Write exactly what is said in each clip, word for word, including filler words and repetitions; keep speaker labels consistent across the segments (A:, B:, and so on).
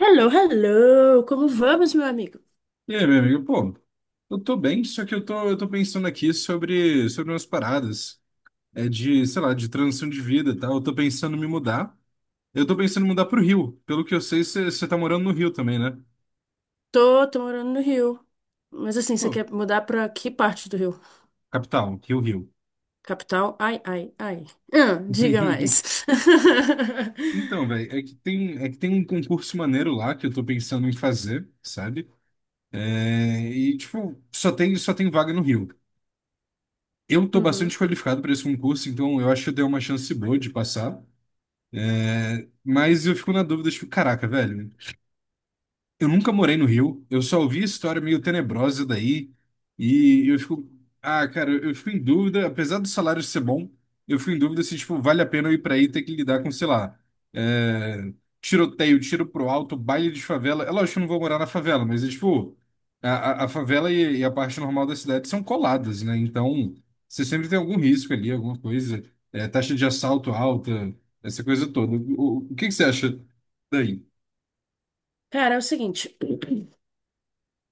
A: Hello, hello! Como vamos, meu amigo?
B: E aí, meu amigo, pô, eu tô bem, só que eu tô, eu tô pensando aqui sobre, sobre umas paradas, é de, sei lá, de transição de vida e tal. Eu tô pensando em me mudar. Eu tô pensando em mudar pro Rio. Pelo que eu sei, você tá morando no Rio também, né?
A: Tô, tô morando no Rio. Mas assim, você
B: Pô,
A: quer mudar pra que parte do Rio?
B: capital, Rio, Rio.
A: Capital? Ai, ai, ai. Ah, diga mais.
B: Então, velho, é que tem, é que tem um concurso maneiro lá que eu tô pensando em fazer, sabe? É, e, tipo, só tem, só tem vaga no Rio. Eu tô bastante
A: Uhum.
B: qualificado para esse concurso, então eu acho que eu dei uma chance boa de passar. É, mas eu fico na dúvida, tipo, caraca, velho. Eu nunca morei no Rio, eu só ouvi história meio tenebrosa daí, e eu fico, ah, cara, eu fico em dúvida, apesar do salário ser bom, eu fico em dúvida se, tipo, vale a pena eu ir pra aí e ter que lidar com, sei lá, é, tiroteio, tiro pro alto, baile de favela. É lógico que eu não vou morar na favela, mas, é, tipo, a, a, a favela e, e a parte normal da cidade são coladas, né? Então, você sempre tem algum risco ali, alguma coisa, é, taxa de assalto alta, essa coisa toda. O, o que que você acha daí?
A: Cara, é o seguinte,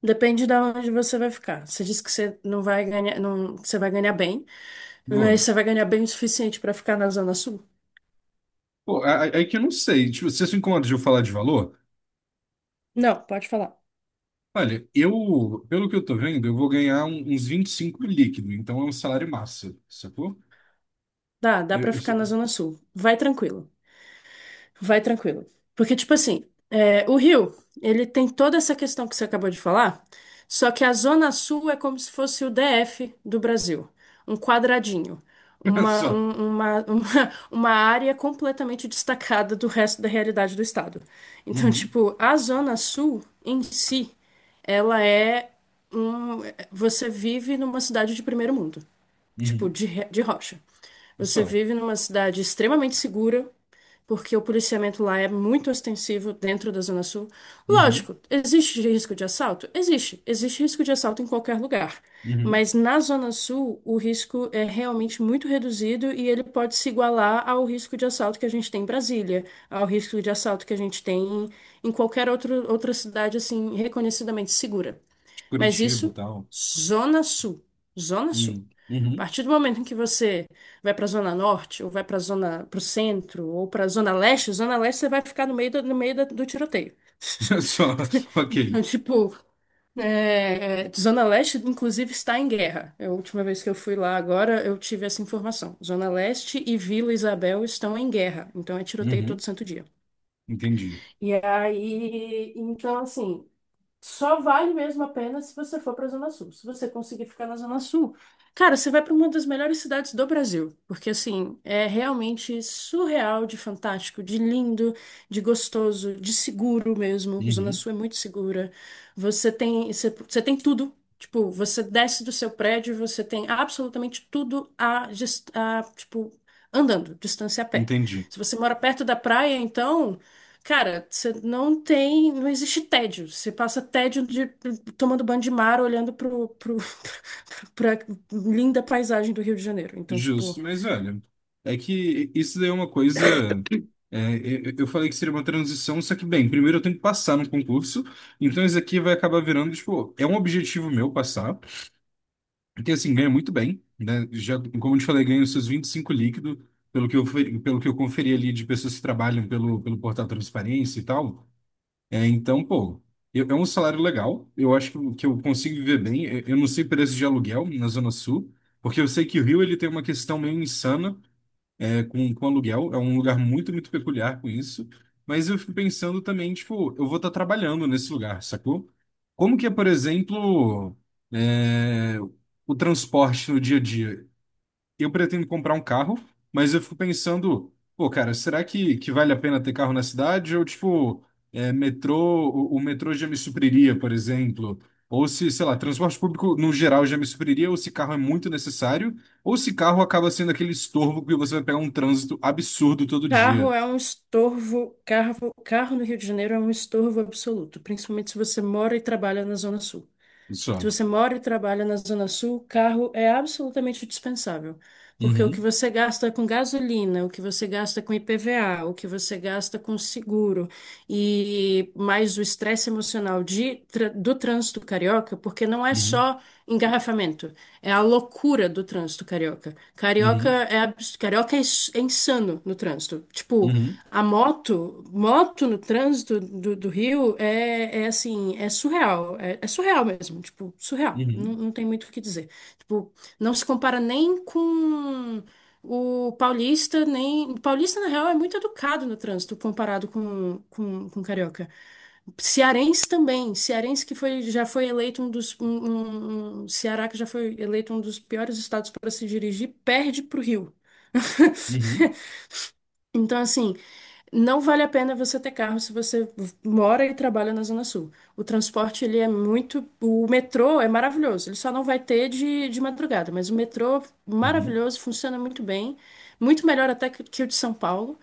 A: depende de onde você vai ficar. Você disse que você não vai ganhar, não, você vai ganhar bem, mas você vai ganhar bem o suficiente pra ficar na Zona Sul?
B: Pô, é, é é que eu não sei. Tipo, você se incomoda de eu falar de valor?
A: Não, pode falar.
B: Olha, eu, pelo que eu tô vendo, eu vou ganhar um- uns vinte e cinco líquido, então é um salário massa, sacou?
A: Dá, dá
B: Eu,
A: pra
B: eu só.
A: ficar na Zona Sul. Vai tranquilo. Vai tranquilo. Porque, tipo assim, é, o Rio, ele tem toda essa questão que você acabou de falar, só que a Zona Sul é como se fosse o D F do Brasil, um quadradinho, uma,
B: Só.
A: um- uma, uma, uma área completamente destacada do resto da realidade do estado. Então,
B: Uhum,
A: tipo, a Zona Sul em si, ela é um. Você vive numa cidade de primeiro mundo tipo,
B: uhum,
A: de, re- de rocha. Você
B: só.
A: vive numa cidade extremamente segura, porque o policiamento lá é muito ostensivo dentro da Zona Sul.
B: Uhum,
A: Lógico, existe risco de assalto? Existe. Existe risco de assalto em qualquer lugar.
B: uhum.
A: Mas na Zona Sul, o risco é realmente muito reduzido e ele pode se igualar ao risco de assalto que a gente tem em Brasília, ao risco de assalto que a gente tem em em qualquer outro, outra cidade, assim, reconhecidamente segura.
B: De
A: Mas
B: Curitiba e
A: isso,
B: tal.
A: Zona Sul. Zona Sul.
B: Uhum,
A: A
B: uhum.
A: partir do momento em que você vai para a Zona Norte, ou vai para a Zona, para o centro, ou para a Zona Leste, Zona Leste você vai ficar no meio do, no meio da- do tiroteio.
B: Só. Ok.
A: Então, tipo, é, é, Zona Leste, inclusive, está em guerra. É a última vez que eu fui lá agora, eu tive essa informação. Zona Leste e Vila Isabel estão em guerra. Então, é tiroteio todo
B: Uhum,
A: santo dia.
B: entendi.
A: E aí, então, assim, só vale mesmo a pena se você for para a Zona Sul. Se você conseguir ficar na Zona Sul, cara, você vai para uma das melhores cidades do Brasil, porque assim, é realmente surreal de fantástico, de lindo, de gostoso, de seguro mesmo. Zona
B: Uhum,
A: Sul é muito segura. Você tem, você, você tem tudo. Tipo, você desce do seu prédio, você tem absolutamente tudo a, dis- a, tipo, andando, distância a pé.
B: entendi.
A: Se você mora perto da praia, então cara, você não tem, não existe tédio. Você passa tédio de tomando banho de mar, olhando pro, pro, pra linda paisagem do Rio de Janeiro. Então, tipo,
B: Justo, mas olha, é que isso daí é uma coisa. É, eu eu falei que seria uma transição, só que, bem, primeiro eu tenho que passar no concurso, então isso aqui vai acabar virando, tipo, é um objetivo meu passar, porque assim, ganha muito bem, né? Já, como eu te falei, ganho seus vinte e cinco líquido, pelo que eu, fe- pelo que eu conferi ali de pessoas que trabalham pelo, pelo portal Transparência e tal. É, então, pô, eu- é um salário legal, eu acho que, eu- que eu consigo viver bem, eu eu não sei preço de aluguel na Zona Sul. Porque eu sei que o Rio ele tem uma questão meio insana é, com, com aluguel. É um lugar muito, muito peculiar com isso. Mas eu fico pensando também, tipo, eu vou estar trabalhando nesse lugar, sacou? Como que é, por exemplo, é, o transporte no dia a dia? Eu pretendo comprar um carro, mas eu fico pensando, pô, cara, será que, que vale a pena ter carro na cidade? Ou, tipo, é, metrô, o, o metrô já me supriria, por exemplo. Ou se, sei lá, transporte público no geral já me supriria, ou se carro é muito necessário, ou se carro acaba sendo aquele estorvo que você vai pegar um trânsito absurdo todo
A: carro
B: dia.
A: é um estorvo, carro, carro no Rio de Janeiro é um estorvo absoluto, principalmente se você mora e trabalha na Zona Sul. Se
B: Só.
A: você mora e trabalha na Zona Sul, carro é absolutamente dispensável, porque o que
B: Uhum,
A: você gasta com gasolina, o que você gasta com I P V A, o que você gasta com seguro e mais o estresse emocional de, tra- do trânsito carioca, porque não é
B: uhum,
A: só engarrafamento, é a loucura do trânsito carioca. Carioca
B: uhum,
A: é, abs- carioca é ins- é insano no trânsito. Tipo,
B: uhum,
A: a moto, moto no trânsito do, do Rio é, é assim, é surreal. É, é surreal mesmo, tipo, surreal. Não,
B: uhum,
A: não tem muito o que dizer. Tipo, não se compara nem com o paulista, nem... O paulista, na real, é muito educado no trânsito comparado com, com, com o carioca. Cearense também. Cearense que foi, já foi eleito um dos... Um, um- um- Ceará que já foi eleito um dos piores estados para se dirigir, perde pro Rio.
B: uhum,
A: Então, assim, não vale a pena você ter carro se você mora e trabalha na Zona Sul. O transporte, ele é muito... O metrô é maravilhoso. Ele só não vai ter de, de madrugada, mas o metrô,
B: uhum,
A: maravilhoso, funciona muito bem. Muito melhor até que, que o de São Paulo,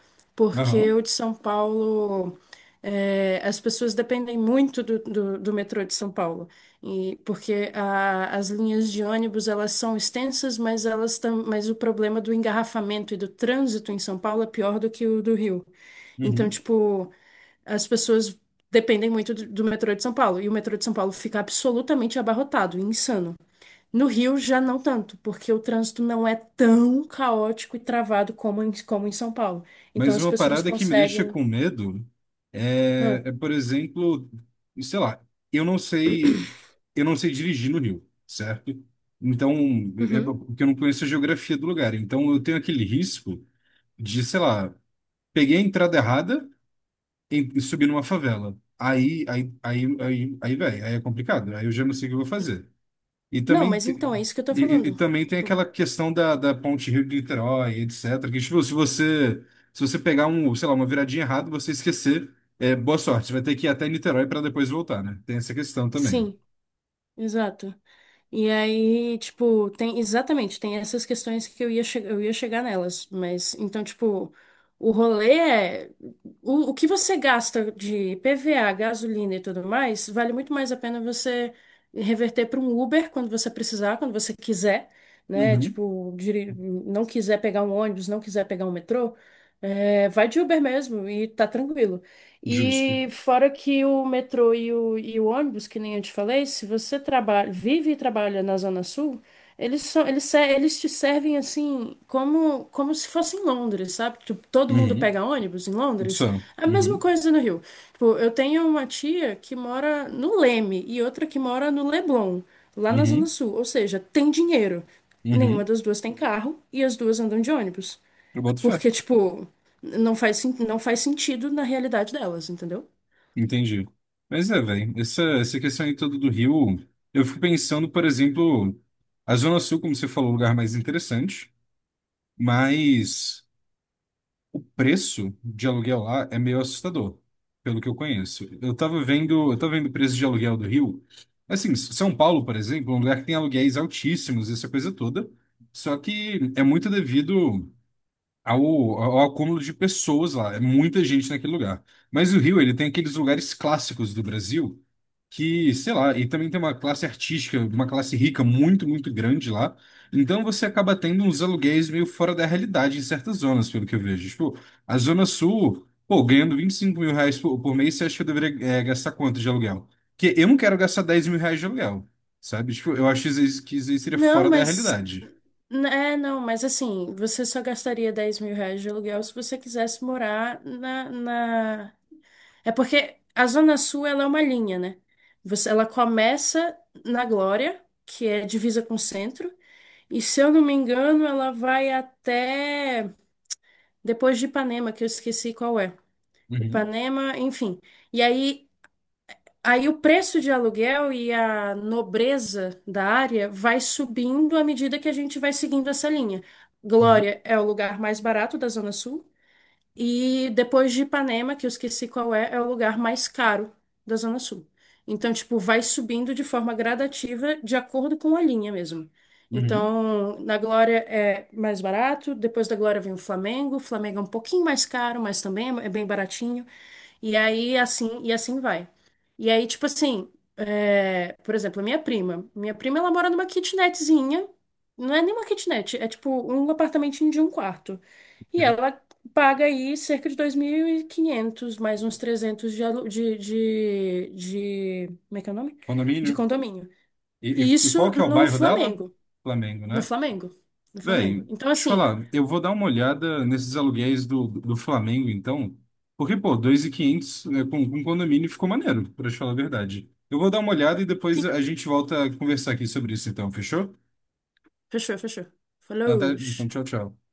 B: uhum,
A: porque
B: uhum,
A: o de São Paulo... é, as pessoas dependem muito do, do, do metrô de São Paulo. E porque a- as linhas de ônibus elas são extensas, mas elas tam, mas o problema do engarrafamento e do trânsito em São Paulo é pior do que o do Rio. Então,
B: uhum.
A: tipo, as pessoas dependem muito do, do metrô de São Paulo, e o metrô de São Paulo fica absolutamente abarrotado, insano. No Rio já não tanto, porque o trânsito não é tão caótico e travado como em, como em São Paulo. Então
B: Mas
A: as
B: uma
A: pessoas
B: parada que me deixa
A: conseguem.
B: com medo é,
A: Ah,
B: é, por exemplo, sei lá, eu não sei, eu não sei dirigir no Rio, certo? Então, é
A: uhum.
B: porque eu não conheço a geografia do lugar. Então, eu tenho aquele risco de, sei lá, peguei a entrada errada e e subi numa favela. Aí, aí, aí, aí, aí, velho, aí é complicado. Aí eu já não sei o que eu vou fazer. E
A: Não,
B: também,
A: mas
B: te-
A: então é isso que eu tô
B: e, e- e
A: falando.
B: também tem
A: Tipo,
B: aquela questão da, da Ponte Rio de Niterói, etcétera. Que, tipo, se você, se você pegar um, sei lá, uma viradinha errada, você esquecer, é, boa sorte. Você vai ter que ir até Niterói para depois voltar, né? Tem essa questão também.
A: sim, exato. E aí, tipo, tem exatamente, tem essas questões que eu ia, che- eu ia chegar nelas, mas então, tipo, o rolê é o, o que você gasta de P V A, gasolina e tudo mais, vale muito mais a pena você reverter para um Uber quando você precisar, quando você quiser, né?
B: Uhum.
A: Tipo, diri- não quiser pegar um ônibus, não quiser pegar um metrô, é, vai de Uber mesmo e tá tranquilo.
B: Justo.
A: E fora que o metrô e o, e o ônibus, que nem eu te falei, se você trabalha, vive e trabalha na Zona Sul, eles são, eles, se- eles te servem assim como, como se fosse em Londres, sabe? Tipo, todo mundo
B: Uhum.
A: pega ônibus em
B: Isso
A: Londres.
B: é.
A: A mesma
B: Uhum.
A: coisa no Rio. Tipo, eu tenho uma tia que mora no Leme e outra que mora no Leblon, lá na Zona
B: Uhum.
A: Sul. Ou seja, tem dinheiro. Nenhuma
B: Uhum.
A: das duas tem carro e as duas andam de ônibus.
B: Eu boto fé.
A: Porque, tipo, não faz, sen- não faz sentido na realidade delas, entendeu?
B: Entendi. Mas é, velho, essa, essa questão aí toda do Rio, eu fico pensando, por exemplo, a Zona Sul, como você falou, é o lugar mais interessante, mas preço de aluguel lá é meio assustador, pelo que eu conheço. Eu tava vendo, eu tava vendo o preço de aluguel do Rio. Assim, S- São Paulo, por exemplo, é um lugar que tem aluguéis altíssimos, essa coisa toda. Só que é muito devido ao, ao acúmulo de pessoas lá. É muita gente naquele lugar. Mas o Rio, ele tem aqueles lugares clássicos do Brasil que, sei lá, e também tem uma classe artística, uma classe rica muito, muito grande lá. Então você acaba tendo uns aluguéis meio fora da realidade em certas zonas, pelo que eu vejo. Tipo, a Zona Sul, pô, ganhando vinte e cinco mil reais por, por mês, você acha que eu deveria, eh, gastar quanto de aluguel? Porque eu não quero gastar dez mil reais de aluguel, sabe? Tipo, eu acho que isso aí que isso aí seria
A: Não,
B: fora da
A: mas.
B: realidade.
A: É, não, mas assim, você só gastaria dez mil reais de aluguel se você quisesse morar na, na... É porque a Zona Sul, ela é uma linha, né? Você, ela começa na Glória, que é divisa com o centro, e se eu não me engano, ela vai até depois de Ipanema, que eu esqueci qual é.
B: Uhum,
A: Ipanema, enfim. E aí aí o preço de aluguel e a nobreza da área vai subindo à medida que a gente vai seguindo essa linha.
B: uhum,
A: Glória é o lugar mais barato da Zona Sul e depois de Ipanema, que eu esqueci qual é, é o lugar mais caro da Zona Sul. Então, tipo, vai subindo de forma gradativa de acordo com a linha mesmo.
B: uhum.
A: Então, na Glória é mais barato, depois da Glória vem o Flamengo. O Flamengo é um pouquinho mais caro, mas também é bem baratinho. E aí, assim, e assim vai. E aí, tipo assim, é, por exemplo, a minha prima. Minha prima, ela mora numa kitnetzinha. Não é nem uma kitnet, é tipo um apartamentinho de um quarto. E
B: Ok.
A: ela paga aí cerca de dois mil e quinhentos mais uns trezentos de, alu- de, de, de... Como é que é o nome?
B: Condomínio?
A: De condomínio.
B: E,
A: E
B: e- e qual
A: isso
B: que é o
A: no
B: bairro dela?
A: Flamengo.
B: Flamengo,
A: No
B: né?
A: Flamengo. No
B: Véi,
A: Flamengo.
B: deixa
A: Então,
B: eu te
A: assim...
B: falar, eu vou dar uma olhada nesses aluguéis do, do Flamengo, então, porque, pô, dois mil e quinhentos, né, com, com condomínio ficou maneiro, pra te falar a verdade. Eu vou dar uma olhada e
A: Sim,
B: depois a gente volta a conversar aqui sobre isso, então, fechou?
A: fechou, fechou.
B: Então, até-
A: Falou.
B: então, tchau, tchau.